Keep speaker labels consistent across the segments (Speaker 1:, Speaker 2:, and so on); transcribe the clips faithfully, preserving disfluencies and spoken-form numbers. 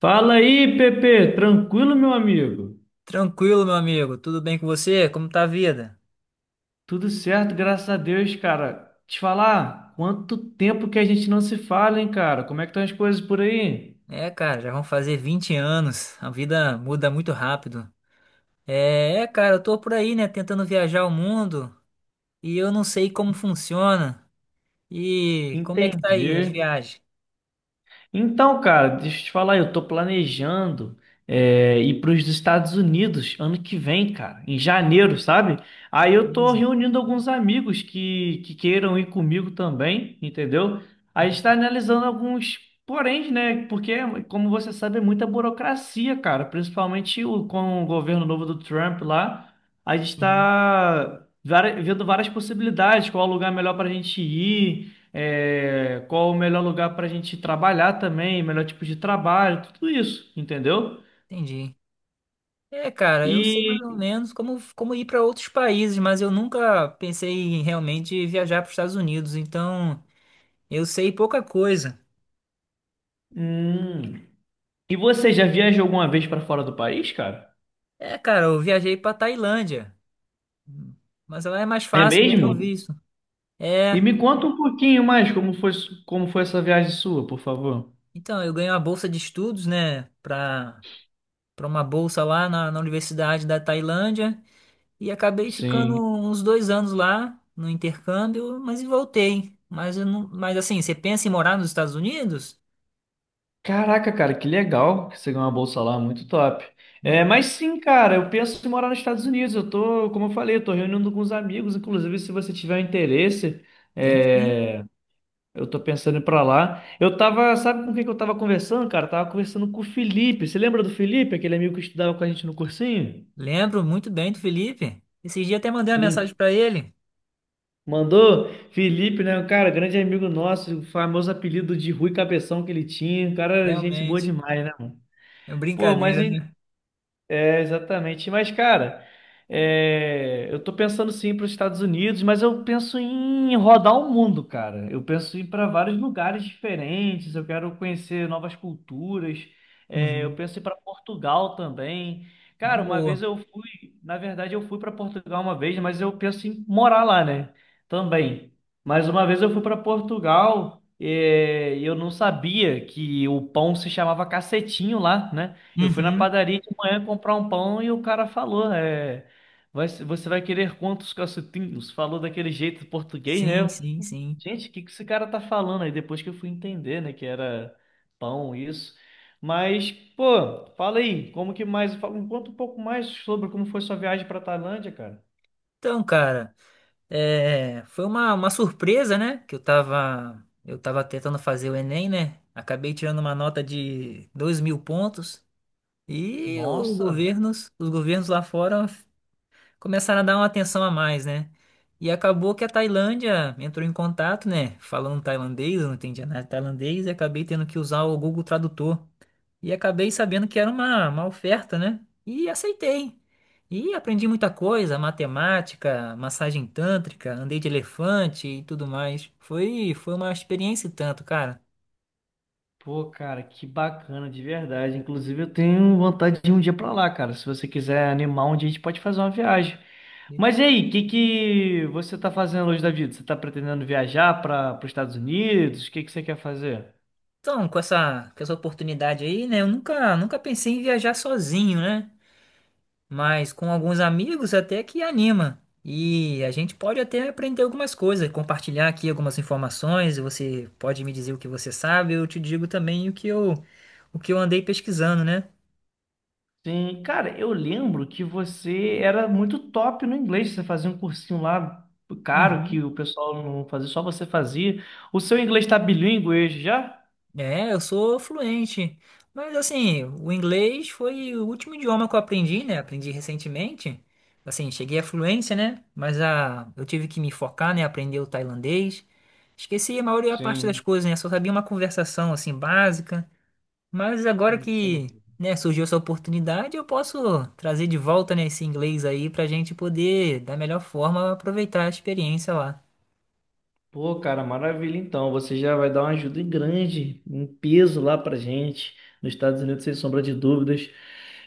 Speaker 1: Fala aí, Pepe, tranquilo, meu amigo?
Speaker 2: Tranquilo, meu amigo. Tudo bem com você? Como tá a vida?
Speaker 1: Tudo certo, graças a Deus, cara. Te falar, quanto tempo que a gente não se fala, hein, cara? Como é que estão as coisas por aí?
Speaker 2: É, cara, já vão fazer vinte anos. A vida muda muito rápido. É, é, cara, eu tô por aí, né, tentando viajar o mundo e eu não sei como funciona. E como é que tá aí as
Speaker 1: Entendi.
Speaker 2: viagens?
Speaker 1: Então, cara, deixa eu te falar, eu tô planejando é, ir para os Estados Unidos ano que vem, cara, em janeiro, sabe?
Speaker 2: Que
Speaker 1: Aí eu tô
Speaker 2: beleza.
Speaker 1: reunindo alguns amigos que, que queiram ir comigo também, entendeu? A gente
Speaker 2: Uhum,
Speaker 1: tá analisando alguns porém, né? Porque, como você sabe, é muita burocracia, cara, principalmente o, com o governo novo do Trump lá. A gente
Speaker 2: uhum.
Speaker 1: tá vari- vendo várias possibilidades, qual lugar melhor pra gente ir, é, qual o melhor lugar para a gente trabalhar também, melhor tipo de trabalho, tudo isso, entendeu?
Speaker 2: Entendi. É, cara, eu sei mais
Speaker 1: E,
Speaker 2: ou menos como, como ir para outros países, mas eu nunca pensei em realmente viajar para os Estados Unidos, então eu sei pouca coisa.
Speaker 1: hum, e você já viajou alguma vez para fora do país, cara?
Speaker 2: É, cara, eu viajei para Tailândia. Mas lá é mais
Speaker 1: É
Speaker 2: fácil obter
Speaker 1: mesmo?
Speaker 2: o visto.
Speaker 1: E
Speaker 2: É,
Speaker 1: me conta um pouquinho mais como foi, su- como foi essa viagem sua, por favor.
Speaker 2: então, eu ganhei uma bolsa de estudos, né, para para uma bolsa lá na, na Universidade da Tailândia e acabei ficando
Speaker 1: Sim.
Speaker 2: uns dois anos lá no intercâmbio, mas e voltei. Mas, eu não, mas assim, você pensa em morar nos Estados Unidos?
Speaker 1: Caraca, cara, que legal que você ganhou uma bolsa lá, muito top. É,
Speaker 2: Muito, bom.
Speaker 1: mas sim, cara, eu penso em morar nos Estados Unidos. Eu tô, como eu falei, eu tô reunindo com os amigos. Inclusive, se você tiver um interesse,
Speaker 2: Tem sim.
Speaker 1: é, Eu tô pensando em ir pra lá. Eu tava, sabe com quem que eu tava conversando, cara? Eu Tava conversando com o Felipe. Você lembra do Felipe, aquele amigo que estudava com a gente no cursinho?
Speaker 2: Lembro muito bem do Felipe. Esse dia até mandei uma
Speaker 1: Hum,
Speaker 2: mensagem para ele.
Speaker 1: Mandou? Felipe, né? Um cara, grande amigo nosso, o famoso apelido de Rui Cabeção que ele tinha. Um cara, gente boa
Speaker 2: Realmente,
Speaker 1: demais, né, mano?
Speaker 2: é uma
Speaker 1: Pô, mas a
Speaker 2: brincadeira, né?
Speaker 1: É, exatamente. Mas, cara, é, eu tô pensando sim para os Estados Unidos, mas eu penso em rodar o mundo, cara. Eu penso em ir para vários lugares diferentes, eu quero conhecer novas culturas. É, eu
Speaker 2: Uhum.
Speaker 1: penso em ir para Portugal também.
Speaker 2: Uma
Speaker 1: Cara, uma
Speaker 2: boa.
Speaker 1: vez eu fui, na verdade, eu fui para Portugal uma vez, mas eu penso em morar lá, né? Também. Mas uma vez eu fui para Portugal, é, e eu não sabia que o pão se chamava cacetinho lá, né? Eu fui na
Speaker 2: Uhum.
Speaker 1: padaria de manhã comprar um pão e o cara falou, é, vai- você vai querer quantos cacetinhos? Falou daquele jeito português, né?
Speaker 2: Sim,
Speaker 1: Eu,
Speaker 2: sim, sim.
Speaker 1: Gente, o que que esse cara tá falando? Aí depois que eu fui entender, né, que era pão, isso. Mas, pô, fala aí, como que mais, fala- conta um pouco mais sobre como foi sua viagem pra Tailândia, cara.
Speaker 2: Então, cara. É, foi uma, uma surpresa, né? Que eu tava, eu tava tentando fazer o Enem, né? Acabei tirando uma nota de dois mil pontos e os
Speaker 1: Nossa,
Speaker 2: governos, os governos lá fora começaram a dar uma atenção a mais, né? E acabou que a Tailândia entrou em contato, né? Falando tailandês, eu não entendia nada de tailandês e acabei tendo que usar o Google Tradutor. E acabei sabendo que era uma, uma oferta, né? E aceitei. E aprendi muita coisa, matemática, massagem tântrica, andei de elefante e tudo mais. Foi, foi uma experiência e tanto, cara.
Speaker 1: pô, cara, que bacana, de verdade. Inclusive, eu tenho vontade de ir um dia pra lá, cara. Se você quiser animar um dia, a gente pode fazer uma viagem. Mas e aí, o que que você tá fazendo hoje da vida? Você tá pretendendo viajar para os Estados Unidos? O que que você quer fazer?
Speaker 2: Então, com essa, com essa oportunidade aí, né? Eu nunca, nunca pensei em viajar sozinho, né? Mas com alguns amigos até que anima. E a gente pode até aprender algumas coisas, compartilhar aqui algumas informações, você pode me dizer o que você sabe, eu te digo também o que eu, o que eu andei pesquisando, né?
Speaker 1: Sim, cara, eu lembro que você era muito top no inglês. Você fazia um cursinho lá caro
Speaker 2: Uhum.
Speaker 1: que o pessoal não fazia, só você fazia. O seu inglês tá bilíngue hoje já?
Speaker 2: É, eu sou fluente. Mas assim, o inglês foi o último idioma que eu aprendi, né? Aprendi recentemente. Assim, cheguei à fluência, né? Mas a, eu tive que me focar, né? Aprender o tailandês. Esqueci a maioria parte das
Speaker 1: Sim,
Speaker 2: coisas, né? Só sabia uma conversação assim básica. Mas agora que,
Speaker 1: entendi.
Speaker 2: né, surgiu essa oportunidade, eu posso trazer de volta, né, esse inglês aí pra gente poder, da melhor forma, aproveitar a experiência lá.
Speaker 1: Pô, cara, maravilha. Então, você já vai dar uma ajuda grande, um peso lá pra gente, nos Estados Unidos, sem sombra de dúvidas.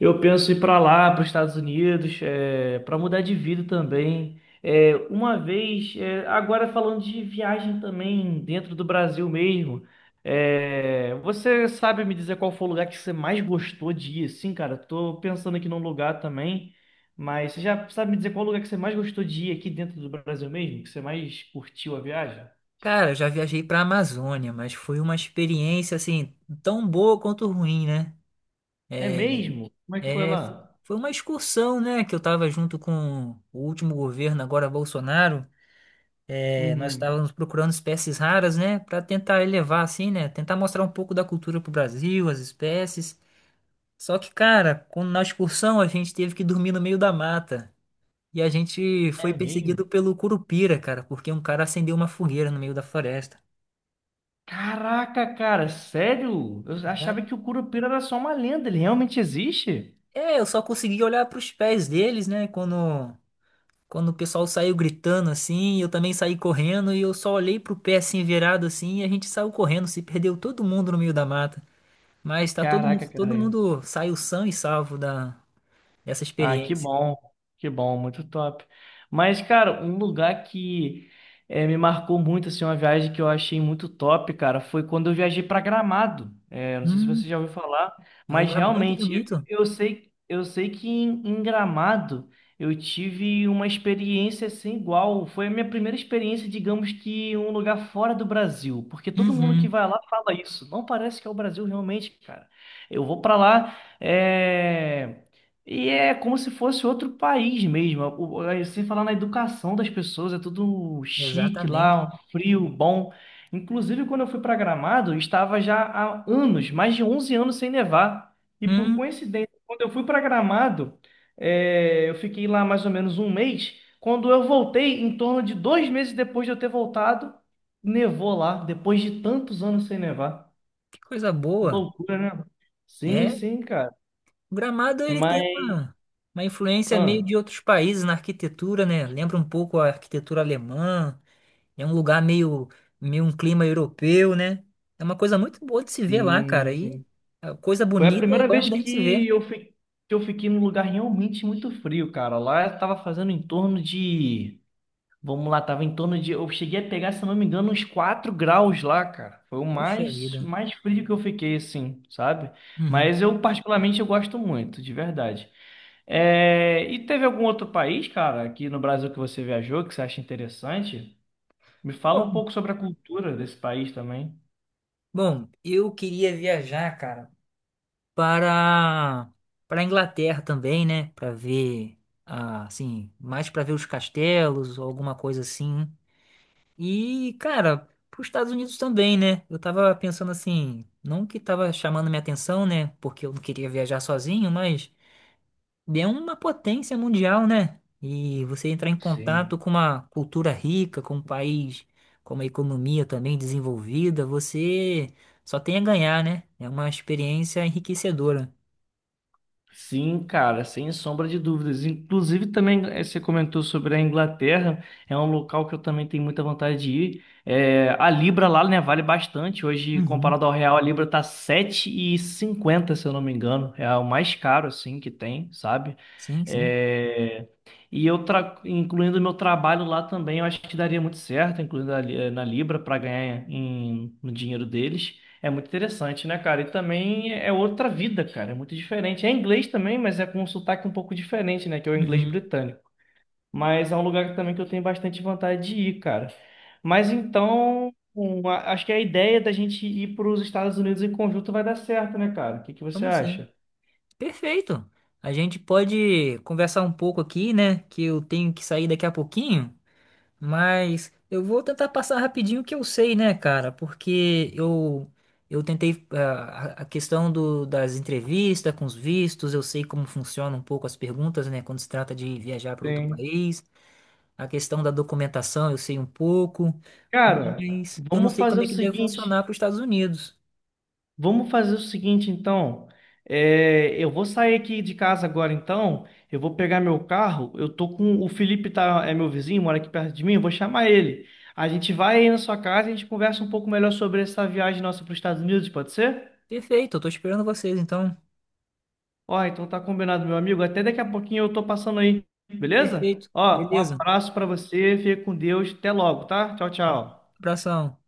Speaker 1: Eu penso ir pra lá, para os Estados Unidos, é, para mudar de vida também. É, uma vez, é, agora falando de viagem também, dentro do Brasil mesmo, é, você sabe me dizer qual foi o lugar que você mais gostou de ir? Sim, cara, tô pensando aqui num lugar também. Mas você já sabe me dizer qual lugar que você mais gostou de ir aqui dentro do Brasil mesmo? Que você mais curtiu a viagem?
Speaker 2: Cara, eu já viajei pra Amazônia, mas foi uma experiência, assim, tão boa quanto ruim, né?
Speaker 1: É mesmo? Como é que foi
Speaker 2: É, fo-
Speaker 1: lá?
Speaker 2: Foi uma excursão, né, que eu tava junto com o último governo, agora Bolsonaro. É, nós
Speaker 1: Uhum.
Speaker 2: estávamos procurando espécies raras, né, para tentar elevar, assim, né, tentar mostrar um pouco da cultura pro Brasil, as espécies. Só que, cara, quando- na excursão a gente teve que dormir no meio da mata. E a gente
Speaker 1: É
Speaker 2: foi
Speaker 1: mesmo?
Speaker 2: perseguido pelo Curupira, cara, porque um cara acendeu uma fogueira no meio da floresta.
Speaker 1: Caraca, cara, sério? Eu
Speaker 2: Tá?
Speaker 1: achava que o Curupira era só uma lenda, ele realmente existe?
Speaker 2: É, eu só consegui olhar para os pés deles, né? Quando, quando o pessoal saiu gritando assim, eu também saí correndo e eu só olhei pro pé assim virado assim e a gente saiu correndo, se perdeu todo mundo no meio da mata. Mas tá todo mundo,
Speaker 1: Caraca,
Speaker 2: todo
Speaker 1: cara.
Speaker 2: mundo saiu são e salvo da, dessa
Speaker 1: Ah, que
Speaker 2: experiência.
Speaker 1: bom, que bom, muito top. Mas, cara, um lugar que eh, me marcou muito, assim, uma viagem que eu achei muito top, cara, foi quando eu viajei para Gramado. Eh, não sei se
Speaker 2: Hum,
Speaker 1: você já ouviu falar,
Speaker 2: é um
Speaker 1: mas
Speaker 2: lugar muito
Speaker 1: realmente
Speaker 2: bonito.
Speaker 1: eu, eu sei, eu sei que em, em Gramado eu tive uma experiência sem igual. Foi a minha primeira experiência, digamos que em um lugar fora do Brasil, porque todo mundo que
Speaker 2: Uhum,
Speaker 1: vai lá fala isso. Não parece que é o Brasil realmente, cara. Eu vou para lá. É... E é como se fosse outro país mesmo. O- o- Sem falar na educação das pessoas, é tudo chique lá,
Speaker 2: exatamente.
Speaker 1: um frio, bom. Inclusive, quando eu fui para Gramado, estava já há anos, mais de onze anos sem nevar. E por
Speaker 2: Hum,
Speaker 1: coincidência, quando eu fui para Gramado, é, eu fiquei lá mais ou menos um mês. Quando eu voltei, em torno de dois meses depois de eu ter voltado, nevou lá, depois de tantos anos sem nevar.
Speaker 2: que coisa boa.
Speaker 1: Loucura, né? Sim,
Speaker 2: É,
Speaker 1: sim, cara.
Speaker 2: o Gramado ele tem
Speaker 1: Mas.
Speaker 2: uma, uma influência meio
Speaker 1: Ah.
Speaker 2: de outros países na arquitetura, né? Lembra um pouco a arquitetura alemã. É um lugar meio, meio um clima europeu, né? É uma coisa muito boa de se ver lá,
Speaker 1: Sim,
Speaker 2: cara. E
Speaker 1: sim.
Speaker 2: a coisa
Speaker 1: Foi a
Speaker 2: bonita é
Speaker 1: primeira
Speaker 2: bom
Speaker 1: vez
Speaker 2: da gente se
Speaker 1: que
Speaker 2: ver.
Speaker 1: eu, fi... que eu fiquei num lugar realmente muito frio, cara. Lá tava fazendo em torno de. Vamos lá, tava em torno de. Eu cheguei a pegar, se eu não me engano, uns quatro graus lá, cara. Foi o
Speaker 2: Puxa
Speaker 1: mais,
Speaker 2: vida.
Speaker 1: mais frio que eu fiquei, assim, sabe?
Speaker 2: Uhum.
Speaker 1: Mas eu, particularmente, eu gosto muito, de verdade. É... E teve algum outro país, cara, aqui no Brasil que você viajou, que você acha interessante? Me fala um
Speaker 2: Bom,
Speaker 1: pouco sobre a cultura desse país também.
Speaker 2: bom, eu queria viajar, cara, para para a Inglaterra também, né? Para ver, ah, assim, mais para ver os castelos ou alguma coisa assim. E, cara, pros Estados Unidos também, né? Eu tava pensando assim, não que tava chamando minha atenção, né? Porque eu não queria viajar sozinho, mas é uma potência mundial, né? E você entrar em contato
Speaker 1: Sim.
Speaker 2: com uma cultura rica, com um país, com uma economia também desenvolvida, você só tem a ganhar, né? É uma experiência enriquecedora.
Speaker 1: Sim, cara, sem sombra de dúvidas. Inclusive, também eh, você comentou sobre a Inglaterra, é um local que eu também tenho muita vontade de ir. É, a Libra lá, né, vale bastante. Hoje,
Speaker 2: Uhum.
Speaker 1: comparado ao real, a Libra tá sete e cinquenta se eu não me engano. É o mais caro, assim, que tem, sabe?
Speaker 2: Sim, sim.
Speaker 1: É, E eu, tra... incluindo o meu trabalho lá também, eu acho que daria muito certo, incluindo ali- eh, na Libra, para ganhar em, no dinheiro deles. É muito interessante, né, cara? E também é outra vida, cara. É muito diferente. É inglês também, mas é com um sotaque um pouco diferente, né? Que é o inglês
Speaker 2: Uhum.
Speaker 1: britânico. Mas é um lugar também que eu tenho bastante vontade de ir, cara. Mas então, um, a- acho que a ideia da gente ir para os Estados Unidos em conjunto vai dar certo, né, cara? O que que você
Speaker 2: Vamos sim.
Speaker 1: acha?
Speaker 2: Perfeito. A gente pode conversar um pouco aqui, né? Que eu tenho que sair daqui a pouquinho. Mas eu vou tentar passar rapidinho o que eu sei, né, cara? Porque eu eu tentei ah, a a questão do, das entrevistas com os vistos, eu sei como funcionam um pouco as perguntas, né, quando se trata de viajar para outro
Speaker 1: Sim.
Speaker 2: país. A questão da documentação eu sei um pouco,
Speaker 1: Cara,
Speaker 2: mas eu não
Speaker 1: vamos
Speaker 2: sei
Speaker 1: fazer
Speaker 2: como
Speaker 1: o
Speaker 2: é que deve
Speaker 1: seguinte.
Speaker 2: funcionar para os Estados Unidos.
Speaker 1: Vamos fazer o seguinte, então. É, eu vou sair aqui de casa agora, então. Eu vou pegar meu carro. Eu tô com o Felipe, tá, é meu vizinho, mora aqui perto de mim. Eu vou chamar ele. A gente vai aí na sua casa e a gente conversa um pouco melhor sobre essa viagem nossa para os Estados Unidos, pode ser?
Speaker 2: Perfeito, eu tô esperando vocês, então.
Speaker 1: Ó, então tá combinado, meu amigo. Até daqui a pouquinho eu tô passando aí, beleza?
Speaker 2: Perfeito,
Speaker 1: Ó, um
Speaker 2: beleza.
Speaker 1: abraço para você, fica com Deus. Até logo, tá? Tchau,
Speaker 2: Abra-
Speaker 1: tchau.
Speaker 2: Abração.